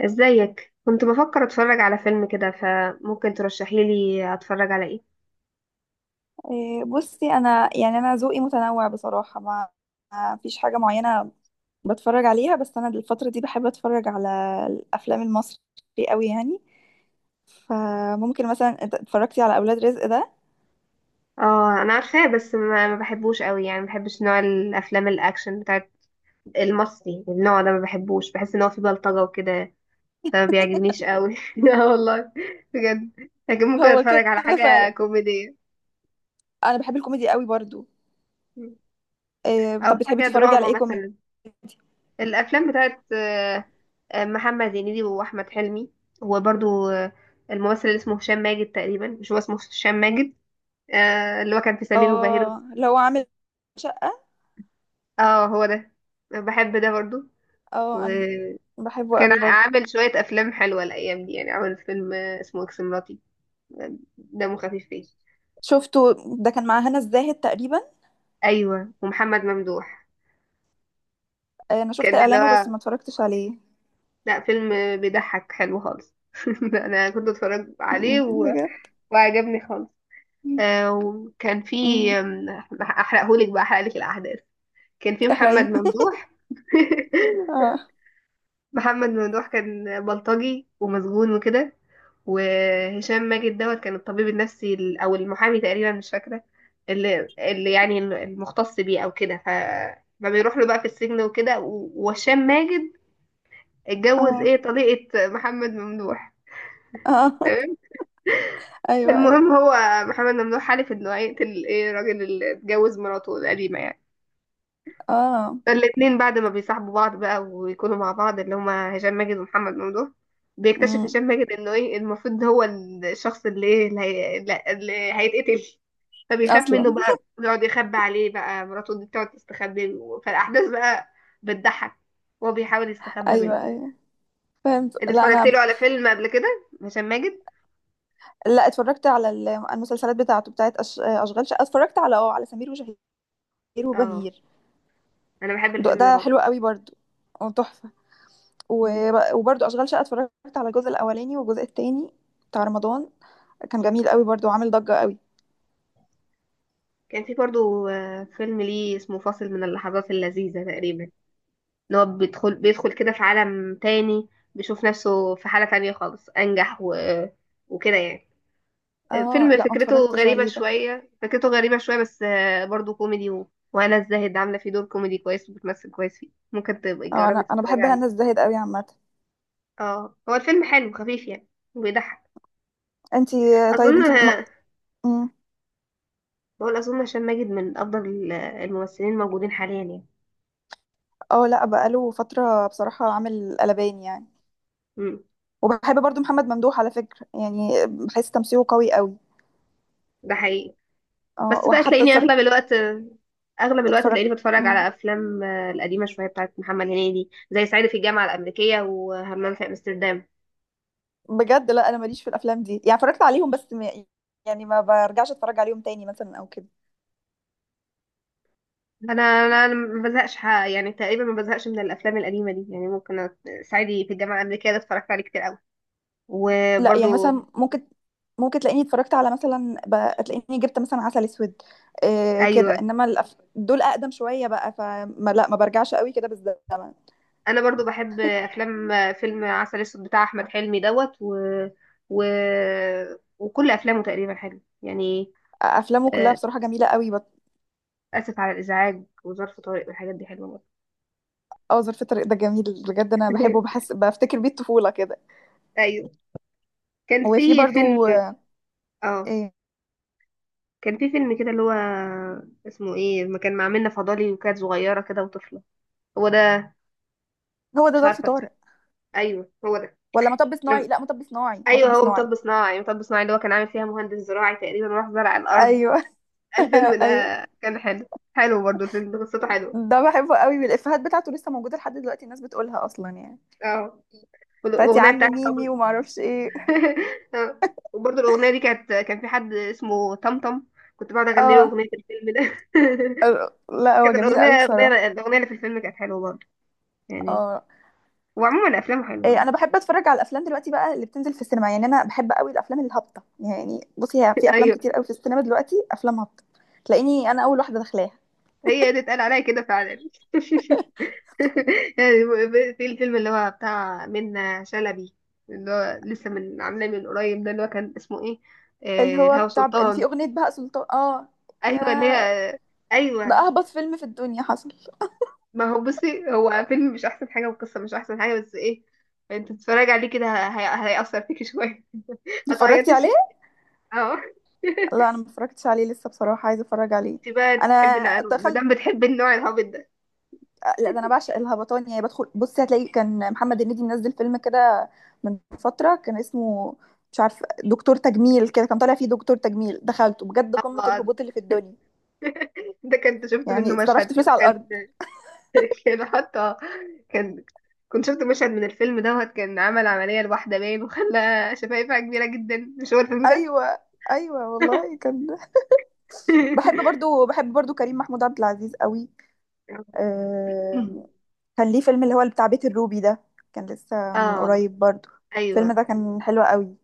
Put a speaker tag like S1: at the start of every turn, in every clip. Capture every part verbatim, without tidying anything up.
S1: ازيك؟ كنت بفكر اتفرج على فيلم كده، فممكن ترشحي لي اتفرج على ايه؟
S2: إيه، بصي، انا يعني انا ذوقي متنوع بصراحه. ما ما فيش حاجه معينه بتفرج عليها. بس انا الفتره دي بحب اتفرج على الافلام المصري قوي يعني. فممكن مثلا ات- اتفرجتي على اولاد رزق ده؟
S1: اه انا عارفاه، بس ما, ما بحبوش قوي يعني، ما بحبش نوع الافلام الاكشن بتاعت المصري، النوع ده ما بحبوش، بحس ان هو فيه بلطجة وكده، فما بيعجبنيش قوي. اه والله، بجد. لكن ممكن
S2: هو
S1: اتفرج على
S2: كده
S1: حاجة
S2: فعلا.
S1: كوميدية
S2: انا بحب الكوميدي قوي برضو. إيه،
S1: او
S2: طب بتحبي
S1: حاجة
S2: تتفرجي على
S1: دراما
S2: ايه كوميدي؟
S1: مثلا. الافلام بتاعت آه، آه، محمد هنيدي واحمد حلمي، وبرضو آه، الممثل اللي اسمه هشام ماجد، تقريبا مش هو اسمه هشام ماجد؟ آه، اللي هو كان في سمير وبهير.
S2: اه، اللي هو عامل شقه.
S1: اه هو ده، أنا بحب ده برضو.
S2: اه، انا
S1: وكان
S2: بحبه قوي
S1: ع-
S2: برضو.
S1: عامل شوية أفلام حلوة الأيام دي، يعني عامل فيلم آه، اسمه إكس مراتي، دمه خفيف فيه.
S2: شفته. ده كان مع هنا الزاهد تقريبا.
S1: أيوة ومحمد ممدوح.
S2: آه، انا شفت
S1: كان اللي
S2: اعلانه بس
S1: هو،
S2: ما اتفرجتش عليه.
S1: لا فيلم آه، بيضحك، حلو خالص. ده أنا كنت اتفرج عليه
S2: م-
S1: و...
S2: بجد.
S1: وعجبني خالص. آه وكان في
S2: مم.
S1: آم، أحرقهولك بقى أحرقلك الأحداث. كان في محمد
S2: احرقي.
S1: ممدوح،
S2: اه.
S1: محمد ممدوح كان بلطجي ومسجون وكده، وهشام ماجد دوت كان الطبيب النفسي ال- او المحامي تقريبا، مش فاكره، اللي, اللي يعني المختص بيه او كده. ف ما بيروح له بقى في السجن وكده، و- وهشام ماجد اتجوز
S2: اه.
S1: ايه طليقه محمد ممدوح.
S2: اه.
S1: تمام.
S2: ايوه، ايوه.
S1: المهم هو، محمد ممدوح حلف انه هيقتل ايه الراجل اللي اتجوز مراته القديمه يعني،
S2: اه،
S1: فالاتنين بعد ما بيصاحبوا بعض بقى ويكونوا مع بعض، اللي هما هشام ماجد ومحمد ممدوح، بيكتشف
S2: امم
S1: هشام ماجد انه ايه المفروض ده هو الشخص اللي ايه اللي, هي... اللي هيتقتل. فبيخاف منه
S2: اصلا.
S1: بقى، بيقعد يخبي عليه بقى، مراته دي بتقعد تستخبى، فالاحداث بقى بتضحك، وهو بيحاول يستخبى
S2: ايوه،
S1: منه.
S2: ايوه. فهمت.
S1: انت
S2: لا
S1: اتفرجت
S2: انا،
S1: له على فيلم قبل كده هشام ماجد؟
S2: لا اتفرجت على ال- المسلسلات بتاعته بتاعت أش... اشغال شقه. اتفرجت على اه على سمير وشهير
S1: اه،
S2: وبهير.
S1: انا بحب
S2: ده,
S1: الفيلم ده
S2: ده
S1: برضه.
S2: حلو قوي برضو. وتحفه.
S1: مم.
S2: وب- وبرضو اشغال شقه اتفرجت على الجزء الاولاني والجزء التاني بتاع رمضان. كان جميل قوي برضو وعامل ضجه قوي.
S1: كان في برضه آه، فيلم ليه اسمه فاصل من اللحظات اللذيذة تقريبا، ان هو بيدخل بيدخل كده في عالم تاني، بيشوف نفسه في حالة تانية خالص انجح و... وكده يعني.
S2: اه،
S1: فيلم
S2: لا ما
S1: فكرته
S2: اتفرجتش
S1: غريبة
S2: عليه ده.
S1: شوية، فكرته غريبة شوية، بس آه، برضو كوميدي و... وهنا الزاهد عاملة فيه دور كوميدي كويس، وبتمثل كويس فيه، ممكن تبقي
S2: اه، انا
S1: تجربي
S2: انا
S1: تتفرجي
S2: بحب هنا
S1: عليه.
S2: الزاهد قوي عامه.
S1: اه هو الفيلم حلو، خفيف يعني، وبيضحك.
S2: انتي، طيب
S1: اظن،
S2: انتي ما...
S1: بقول اظن هشام ماجد من افضل الممثلين الموجودين حاليا يعني.
S2: اه لا بقاله فترة بصراحة عامل قلبان يعني.
S1: مم.
S2: وبحب برضو محمد ممدوح على فكرة يعني، بحس تمثيله قوي قوي.
S1: ده حقيقي.
S2: اه،
S1: بس بقى
S2: وحتى
S1: تلاقيني اغلب
S2: اتفرجت
S1: الوقت، اغلب الوقت
S2: اتفرجت
S1: تلاقيني بتفرج
S2: مم.
S1: على افلام آه، القديمه شويه، بتاعت محمد هنيدي، زي صعيدي في الجامعه الامريكيه وهمام في امستردام.
S2: بجد. لا انا ماليش في الافلام دي يعني. اتفرجت عليهم بس ما، يعني ما برجعش اتفرج عليهم تاني مثلا او كده.
S1: انا انا أنا ما بزهقش، ح- يعني تقريبا ما بزهقش من الافلام القديمه دي يعني، ممكن أت- صعيدي في الجامعه الامريكيه ده اتفرجت عليه كتير قوي،
S2: لا، يعني
S1: وبرضو
S2: مثلا ممكن ممكن تلاقيني اتفرجت على مثلا ب- تلاقيني جبت مثلا عسل اسود. إيه كده.
S1: ايوه،
S2: انما الأف... دول اقدم شوية بقى. فما، لا ما برجعش قوي كده بالزمن.
S1: انا برضو بحب افلام آه، فيلم عسل اسود بتاع احمد حلمي دوت و, و... وكل افلامه تقريبا حلوه يعني.
S2: افلامه كلها
S1: آه،
S2: بصراحة جميلة قوي.
S1: اسف على الازعاج، وظرف طارق، والحاجات دي حلوه برضه.
S2: اه، ظرف طارق ده جميل بجد. انا بحبه، بحس بفتكر بيه الطفوله كده.
S1: ايوه. كان
S2: وفي
S1: في فيلم،
S2: برضو آه،
S1: اه
S2: إيه
S1: كان في فيلم كده اللي هو اسمه ايه، ما كان مع منة فضالي وكانت صغيره كده وطفله. هو ده؟
S2: هو ده
S1: مش
S2: ظرف
S1: عارفه الفيلم.
S2: طارق.
S1: ايوه هو ده.
S2: ولا مطب
S1: أنا...
S2: صناعي؟ لا، مطب صناعي
S1: ايوه
S2: مطب
S1: هو
S2: صناعي.
S1: مطب صناعي، مطب صناعي اللي هو كان عامل فيها مهندس زراعي تقريبا، وراح زرع الارض.
S2: ايوه.
S1: الفيلم ده
S2: ايوه.
S1: كان حلو، حلو برضو الفيلم ده، قصته حلوه.
S2: ده بحبه قوي، والافيهات بتاعته لسه موجوده لحد دلوقتي، الناس بتقولها اصلا يعني.
S1: اه
S2: بتاعت يا
S1: والاغنيه
S2: عم
S1: بتاعت طبعا.
S2: ميمي وما اعرفش ايه.
S1: اه وبرضو الاغنيه دي كانت، كان في حد اسمه طمطم، كنت بقعد اغني له
S2: اه،
S1: اغنيه الفيلم ده.
S2: لا هو
S1: كانت
S2: جميل
S1: الاغنيه
S2: قوي بصراحه.
S1: الاغنيه الاغنيه اللي في الفيلم كانت حلوه برضو يعني.
S2: اه،
S1: وعموما افلامه حلوه.
S2: إيه، انا بحب اتفرج على الافلام دلوقتي بقى اللي بتنزل في السينما يعني. انا بحب قوي الافلام الهابطه يعني. بصي، هي في افلام
S1: ايوه
S2: كتير قوي في السينما دلوقتي افلام هابطه. تلاقيني انا اول واحده داخلاها.
S1: هي دي اتقال عليا كده فعلا. يعني في الفيلم اللي هو بتاع منة شلبي، اللي هو لسه من عاملاه من قريب ده، اللي هو كان اسمه ايه،
S2: اللي
S1: آه
S2: هو
S1: الهوى
S2: بتاع اللي فيه
S1: سلطان.
S2: أغنية بهاء سلطان، اه.
S1: ايوه اللي
S2: يا
S1: هي،
S2: ده
S1: ايوه.
S2: أهبط فيلم في الدنيا حصل.
S1: ما هو بصي، هو فيلم مش احسن حاجه، والقصه مش احسن حاجه، بس ايه، انت تتفرجي عليه كده هي- هيأثر فيكي شويه،
S2: اتفرجتي
S1: هتعيطي
S2: عليه؟
S1: شويه. اه.
S2: لا، أنا ما اتفرجتش عليه لسه بصراحة، عايزة أتفرج عليه.
S1: انت بقى انت بتحبي،
S2: أنا
S1: انا ما
S2: دخلت
S1: دام بتحبي النوع الهابط ده.
S2: لا، ده أنا بعشق الهبطان يعني. بدخل، بصي هتلاقي كان محمد هنيدي منزل فيلم كده من فترة، كان اسمه مش عارف دكتور تجميل كده، كان طالع فيه دكتور تجميل. دخلته بجد قمة
S1: اه
S2: الهبوط اللي في الدنيا،
S1: ده كنت شفت منه
S2: يعني
S1: مشهد
S2: صرفت
S1: كده
S2: فلوس على
S1: كان.
S2: الأرض.
S1: كان حتى، كان كنت شفت مشهد من الفيلم دوت، كان عمل عملية لواحدة باين وخلى شفايفها كبيرة جدا. مش هو الفيلم ده؟
S2: أيوه، أيوه والله كان. بحب برضو بحب برضو كريم محمود عبد العزيز قوي. آم، كان ليه فيلم اللي هو اللي بتاع بيت الروبي ده، كان لسه من
S1: اه
S2: قريب برضو. الفيلم
S1: ايوه،
S2: ده كان حلو قوي.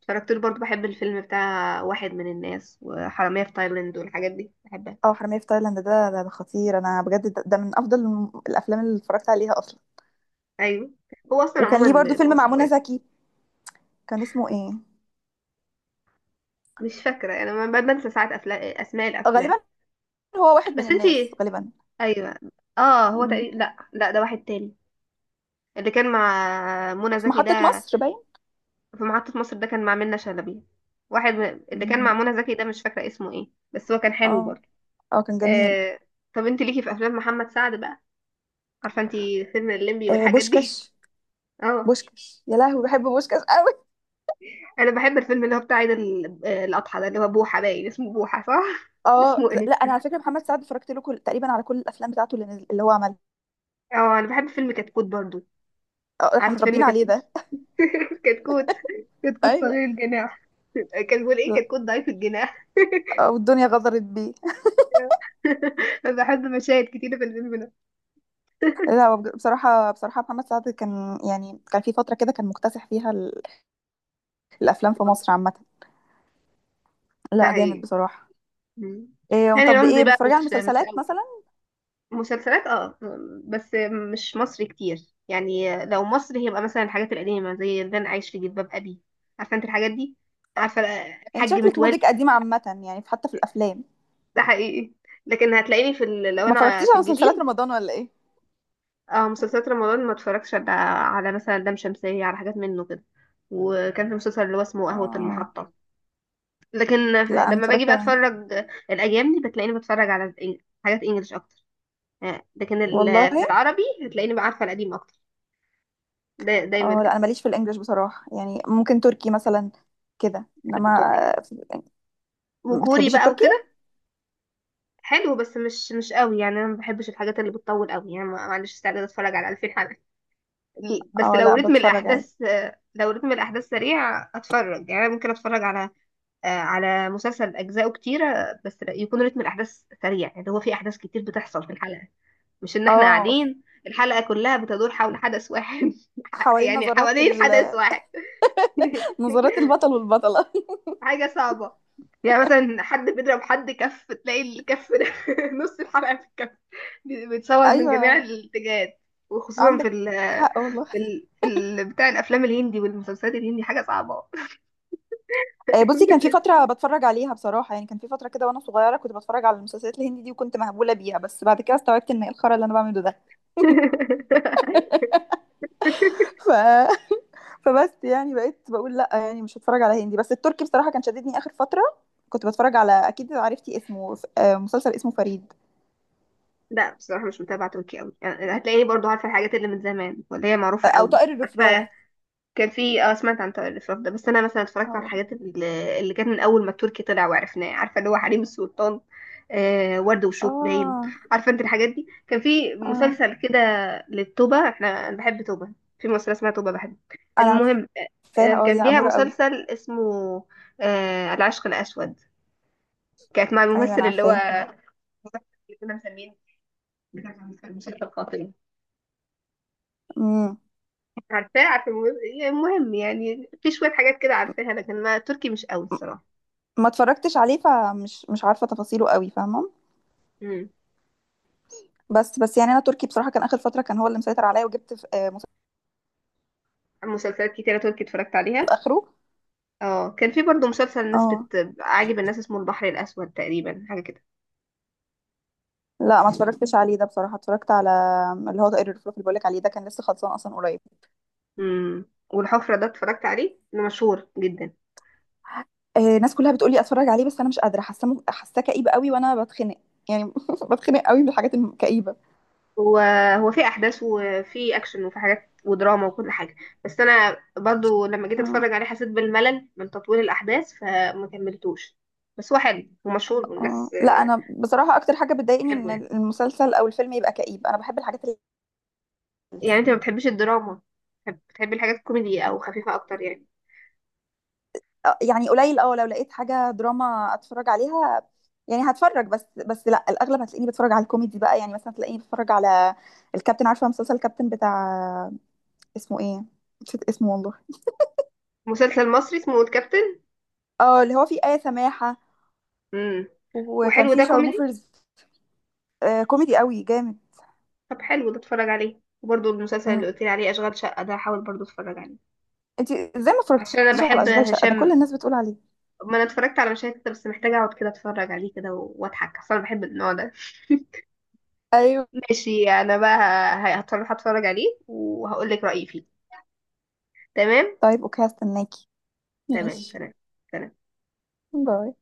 S1: اتفرجت له برضه. بحب الفيلم بتاع واحد من الناس، وحرامية في تايلاند، والحاجات دي بحبها.
S2: اه، حرامية في تايلاند ده ده, ده, خطير. انا بجد ده, ده من افضل الم- الافلام اللي اتفرجت عليها اصلا.
S1: ايوه. هو اصلا
S2: وكان ليه برضو
S1: عموما
S2: فيلم مع
S1: مصر
S2: منى
S1: كويس.
S2: زكي، كان اسمه ايه؟
S1: مش فاكرة انا، ما- بنسى ساعات افلام، اسماء الافلام.
S2: غالبا هو واحد من
S1: بس
S2: الناس
S1: انتي،
S2: غالبا.
S1: ايوه. اه هو
S2: مم.
S1: تقريبا، لا لا، ده واحد تاني. اللي كان مع منى
S2: في
S1: زكي
S2: محطة
S1: ده،
S2: مصر باين.
S1: في محطة مصر ده كان مع منة شلبي. واحد من- اللي كان مع
S2: مم.
S1: منى زكي ده مش فاكرة اسمه ايه، بس هو كان حلو
S2: اه.
S1: برضه.
S2: اه، كان جميل.
S1: آه... طب انت ليكي في افلام محمد سعد بقى، عارفة انت فيلم الليمبي
S2: آه،
S1: والحاجات دي.
S2: بوشكاش.
S1: اه
S2: بوشكاش يا لهوي، بحب بوشكاش قوي.
S1: انا بحب الفيلم اللي هو بتاع عيد ال- آه، الاضحى ده اللي هو بوحة باين، اسمه بوحة صح،
S2: اه،
S1: اسمه ايه.
S2: لا انا على فكرة محمد سعد اتفرجت له كل... تقريبا على كل الافلام بتاعته اللي, نزل... اللي هو عملها.
S1: اه انا بحب فيلم كتكوت برضه.
S2: آه، احنا
S1: عارفة فيلم
S2: متربيين عليه
S1: كتكوت؟
S2: ده.
S1: كتكوت، كتكوت
S2: ايوه،
S1: صغير الجناح. كان بيقول ايه، كتكوت ضعيف الجناح.
S2: والدنيا غدرت بيه.
S1: بحب مشاهد كتيرة في الفيلم ده.
S2: لا، هو بج- بصراحه بصراحه محمد سعد كان يعني كان في فتره كده كان مكتسح فيها ال- الافلام في مصر عامه.
S1: ده
S2: لا، جامد
S1: حقيقي.
S2: بصراحه.
S1: مم.
S2: إيه،
S1: هاني
S2: طب
S1: رمزي
S2: ايه
S1: بقى،
S2: بتتفرجي على
S1: مش مش
S2: المسلسلات
S1: قوي.
S2: مثلا؟
S1: مسلسلات اه، بس مش مصري كتير. يعني لو مصري هيبقى مثلا الحاجات القديمة، زي ده انا عايش في جلباب ابي، عارفة انت الحاجات دي، عارفة
S2: انت
S1: الحاج
S2: شكلك
S1: متولي.
S2: مودك قديم عامه يعني، في- حتى في الافلام.
S1: ده حقيقي. لكن هتلاقيني في ال... لو
S2: ما
S1: انا
S2: اتفرجتيش
S1: في
S2: على مسلسلات
S1: الجديد.
S2: رمضان ولا ايه؟
S1: اه مسلسلات رمضان، ما اتفرجش على على مثلا لام شمسية، على حاجات منه كده، وكان في مسلسل اللي هو اسمه قهوة
S2: اه،
S1: المحطة. لكن ف-
S2: لا انا
S1: لما باجي
S2: اتفرجت.
S1: بقى اتفرج. الايام دي بتلاقيني بتفرج على الإنج- حاجات انجلش اكتر، آه، لكن
S2: والله.
S1: ال- في العربي هتلاقيني بقى، عارفه القديم اكتر. دا دايما
S2: اه، لا
S1: كده.
S2: انا ماليش في الانجليش بصراحه يعني. ممكن تركي مثلا كده،
S1: بحب
S2: انما
S1: التركي
S2: آه،
S1: وكوري
S2: بتحبيش
S1: بقى
S2: التركي؟
S1: وكده. حلو بس مش مش قوي يعني، انا ما بحبش الحاجات اللي بتطول قوي يعني، ما ما عنديش استعداد اتفرج على ألفين حلقه. ل- بس
S2: اه،
S1: لو
S2: لا
S1: رتم
S2: بتفرج عادي.
S1: الاحداث آه، لو رتم الاحداث سريع اتفرج يعني. أنا ممكن اتفرج على آه، على مسلسل اجزاؤه كتيره، آه، بس يكون رتم الاحداث سريع، يعني هو في احداث كتير بتحصل في الحلقه، مش ان احنا
S2: اه،
S1: قاعدين الحلقه كلها بتدور حول حدث واحد.
S2: حوالين
S1: يعني
S2: نظرات
S1: حوالين
S2: ال
S1: حدث واحد.
S2: نظرات البطل والبطلة.
S1: حاجة صعبة. يعني مثلا حد بيضرب حد كف، تلاقي الكف ده نص الحلقة في الكف، بي- بيتصور من جميع
S2: أيوة.
S1: الاتجاهات. وخصوصا في
S2: عندك
S1: ال
S2: حق والله.
S1: في ال في ال بتاع الأفلام الهندي والمسلسلات الهندي، حاجة صعبة.
S2: آه، بصي، كان في فترة بتفرج عليها بصراحة يعني. كان في فترة كده وأنا صغيرة، كنت بتفرج على المسلسلات الهندي دي وكنت مهبولة بيها. بس بعد كده استوعبت إن إيه الخرا اللي أنا بعمله ده. ف... فبس يعني بقيت بقول لأ يعني مش هتفرج على هندي. بس التركي بصراحة كان شددني آخر فترة. كنت بتفرج على، أكيد عرفتي اسمه، آه، مسلسل اسمه فريد.
S1: لا بصراحة مش متابعة تركي أوي يعني، هتلاقيني برضو عارفة الحاجات اللي من زمان، واللي هي
S2: آه،
S1: معروفة
S2: أو
S1: أوي،
S2: طائر الرفراف.
S1: عارفة. كان في اه سمعت عن الإشراف ده، بس أنا مثلا اتفرجت على
S2: هو ده.
S1: الحاجات اللي اللي كانت من أول ما التركي طلع وعرفناه، عارفة اللي هو حريم السلطان. آه ورد وشوك باين.
S2: آه.
S1: عارفة أنت الحاجات دي. كان في
S2: آه.
S1: مسلسل كده للتوبة، احنا أنا بحب توبة. في مسلسل اسمها توبة بحب.
S2: أنا
S1: المهم آه آه،
S2: عارفاها. اه،
S1: كان
S2: دي
S1: ليها
S2: أمورة قوي.
S1: مسلسل اسمه آه العشق الأسود. كانت مع
S2: أيوة أنا
S1: الممثل اللي هو
S2: عارفاها.
S1: اللي كنا مسمينه بتاع المسلسل القاتل.
S2: امم
S1: عارفاه، عارفة. المهم، المهم يعني في شوية حاجات كده عارفاها. لكن ما تركي مش قوي الصراحة.
S2: ما اتفرجتش عليه، فمش مش عارفه تفاصيله قوي، فاهمه.
S1: مم.
S2: بس بس يعني انا تركي بصراحه كان اخر فتره كان هو اللي مسيطر عليا. وجبت في آه، مسلسل
S1: مسلسلات كتيرة تركي اتفرجت عليها.
S2: اخره.
S1: اه كان في برضو مسلسل الناس
S2: اه،
S1: بت... عاجب الناس اسمه البحر الأسود تقريبا، حاجة كده.
S2: لا ما اتفرجتش عليه ده بصراحه. اتفرجت على اللي هو طائر الفلوف اللي بقولك عليه ده، كان لسه خلصان اصلا قريب.
S1: امم والحفرة ده اتفرجت عليه، ده مشهور جدا.
S2: آه، الناس كلها بتقولي اتفرج عليه بس انا مش قادره، حاسه مو- حاساه كئيب قوي وانا بتخنق يعني. بتخنق قوي من الحاجات الكئيبه.
S1: هو هو في أحداث، وفي أكشن، وفي حاجات ودراما، وكل حاجة، بس أنا برضو لما جيت
S2: اه.
S1: أتفرج عليه حسيت بالملل من تطويل الأحداث، فما كملتوش. بس هو حلو ومشهور،
S2: اه،
S1: والناس
S2: لا
S1: آه،
S2: انا بصراحه اكتر حاجه بتضايقني
S1: بتحبه
S2: ان
S1: يعني.
S2: المسلسل او الفيلم يبقى كئيب. انا بحب الحاجات اللي
S1: يعني أنت ما بتحبش الدراما؟ بتحب- بتحبي الحاجات الكوميدي أو خفيفة أكتر يعني.
S2: آه، يعني قليل. اه، لو لقيت حاجة دراما اتفرج عليها يعني هتفرج، بس بس لا، الاغلب هتلاقيني بتفرج على الكوميدي بقى. يعني مثلا تلاقيني بتفرج على الكابتن، عارفة مسلسل الكابتن بتاع اسمه ايه؟ نسيت اسمه والله.
S1: مسلسل مصري اسمه الكابتن.
S2: اه، اللي هو فيه آية سماحة
S1: امم
S2: وكان
S1: وحلو
S2: فيه
S1: ده كوميدي.
S2: شارموفرز. آه، كوميدي قوي جامد.
S1: طب حلو، ده اتفرج عليه، وبرضه المسلسل اللي
S2: مم.
S1: قلت لي عليه اشغال شقه ده هحاول برضه اتفرج عليه.
S2: انتي ازاي ما
S1: عشان انا
S2: اتفرجتيش على
S1: بحب
S2: اشغال شقة ده؟ كل
S1: هشام،
S2: الناس بتقول عليه.
S1: ما انا اتفرجت على مشاهد كده، بس محتاجه اقعد كده اتفرج عليه كده و- واضحك، اصل انا بحب النوع ده.
S2: ايوه،
S1: ماشي انا بقى، ه- هتفرج هتفرج عليه وهقول لك رايي فيه. تمام.
S2: طيب اوكي، هستناكي.
S1: تمام،
S2: ماشي.
S1: سلام. سلام.
S2: باي.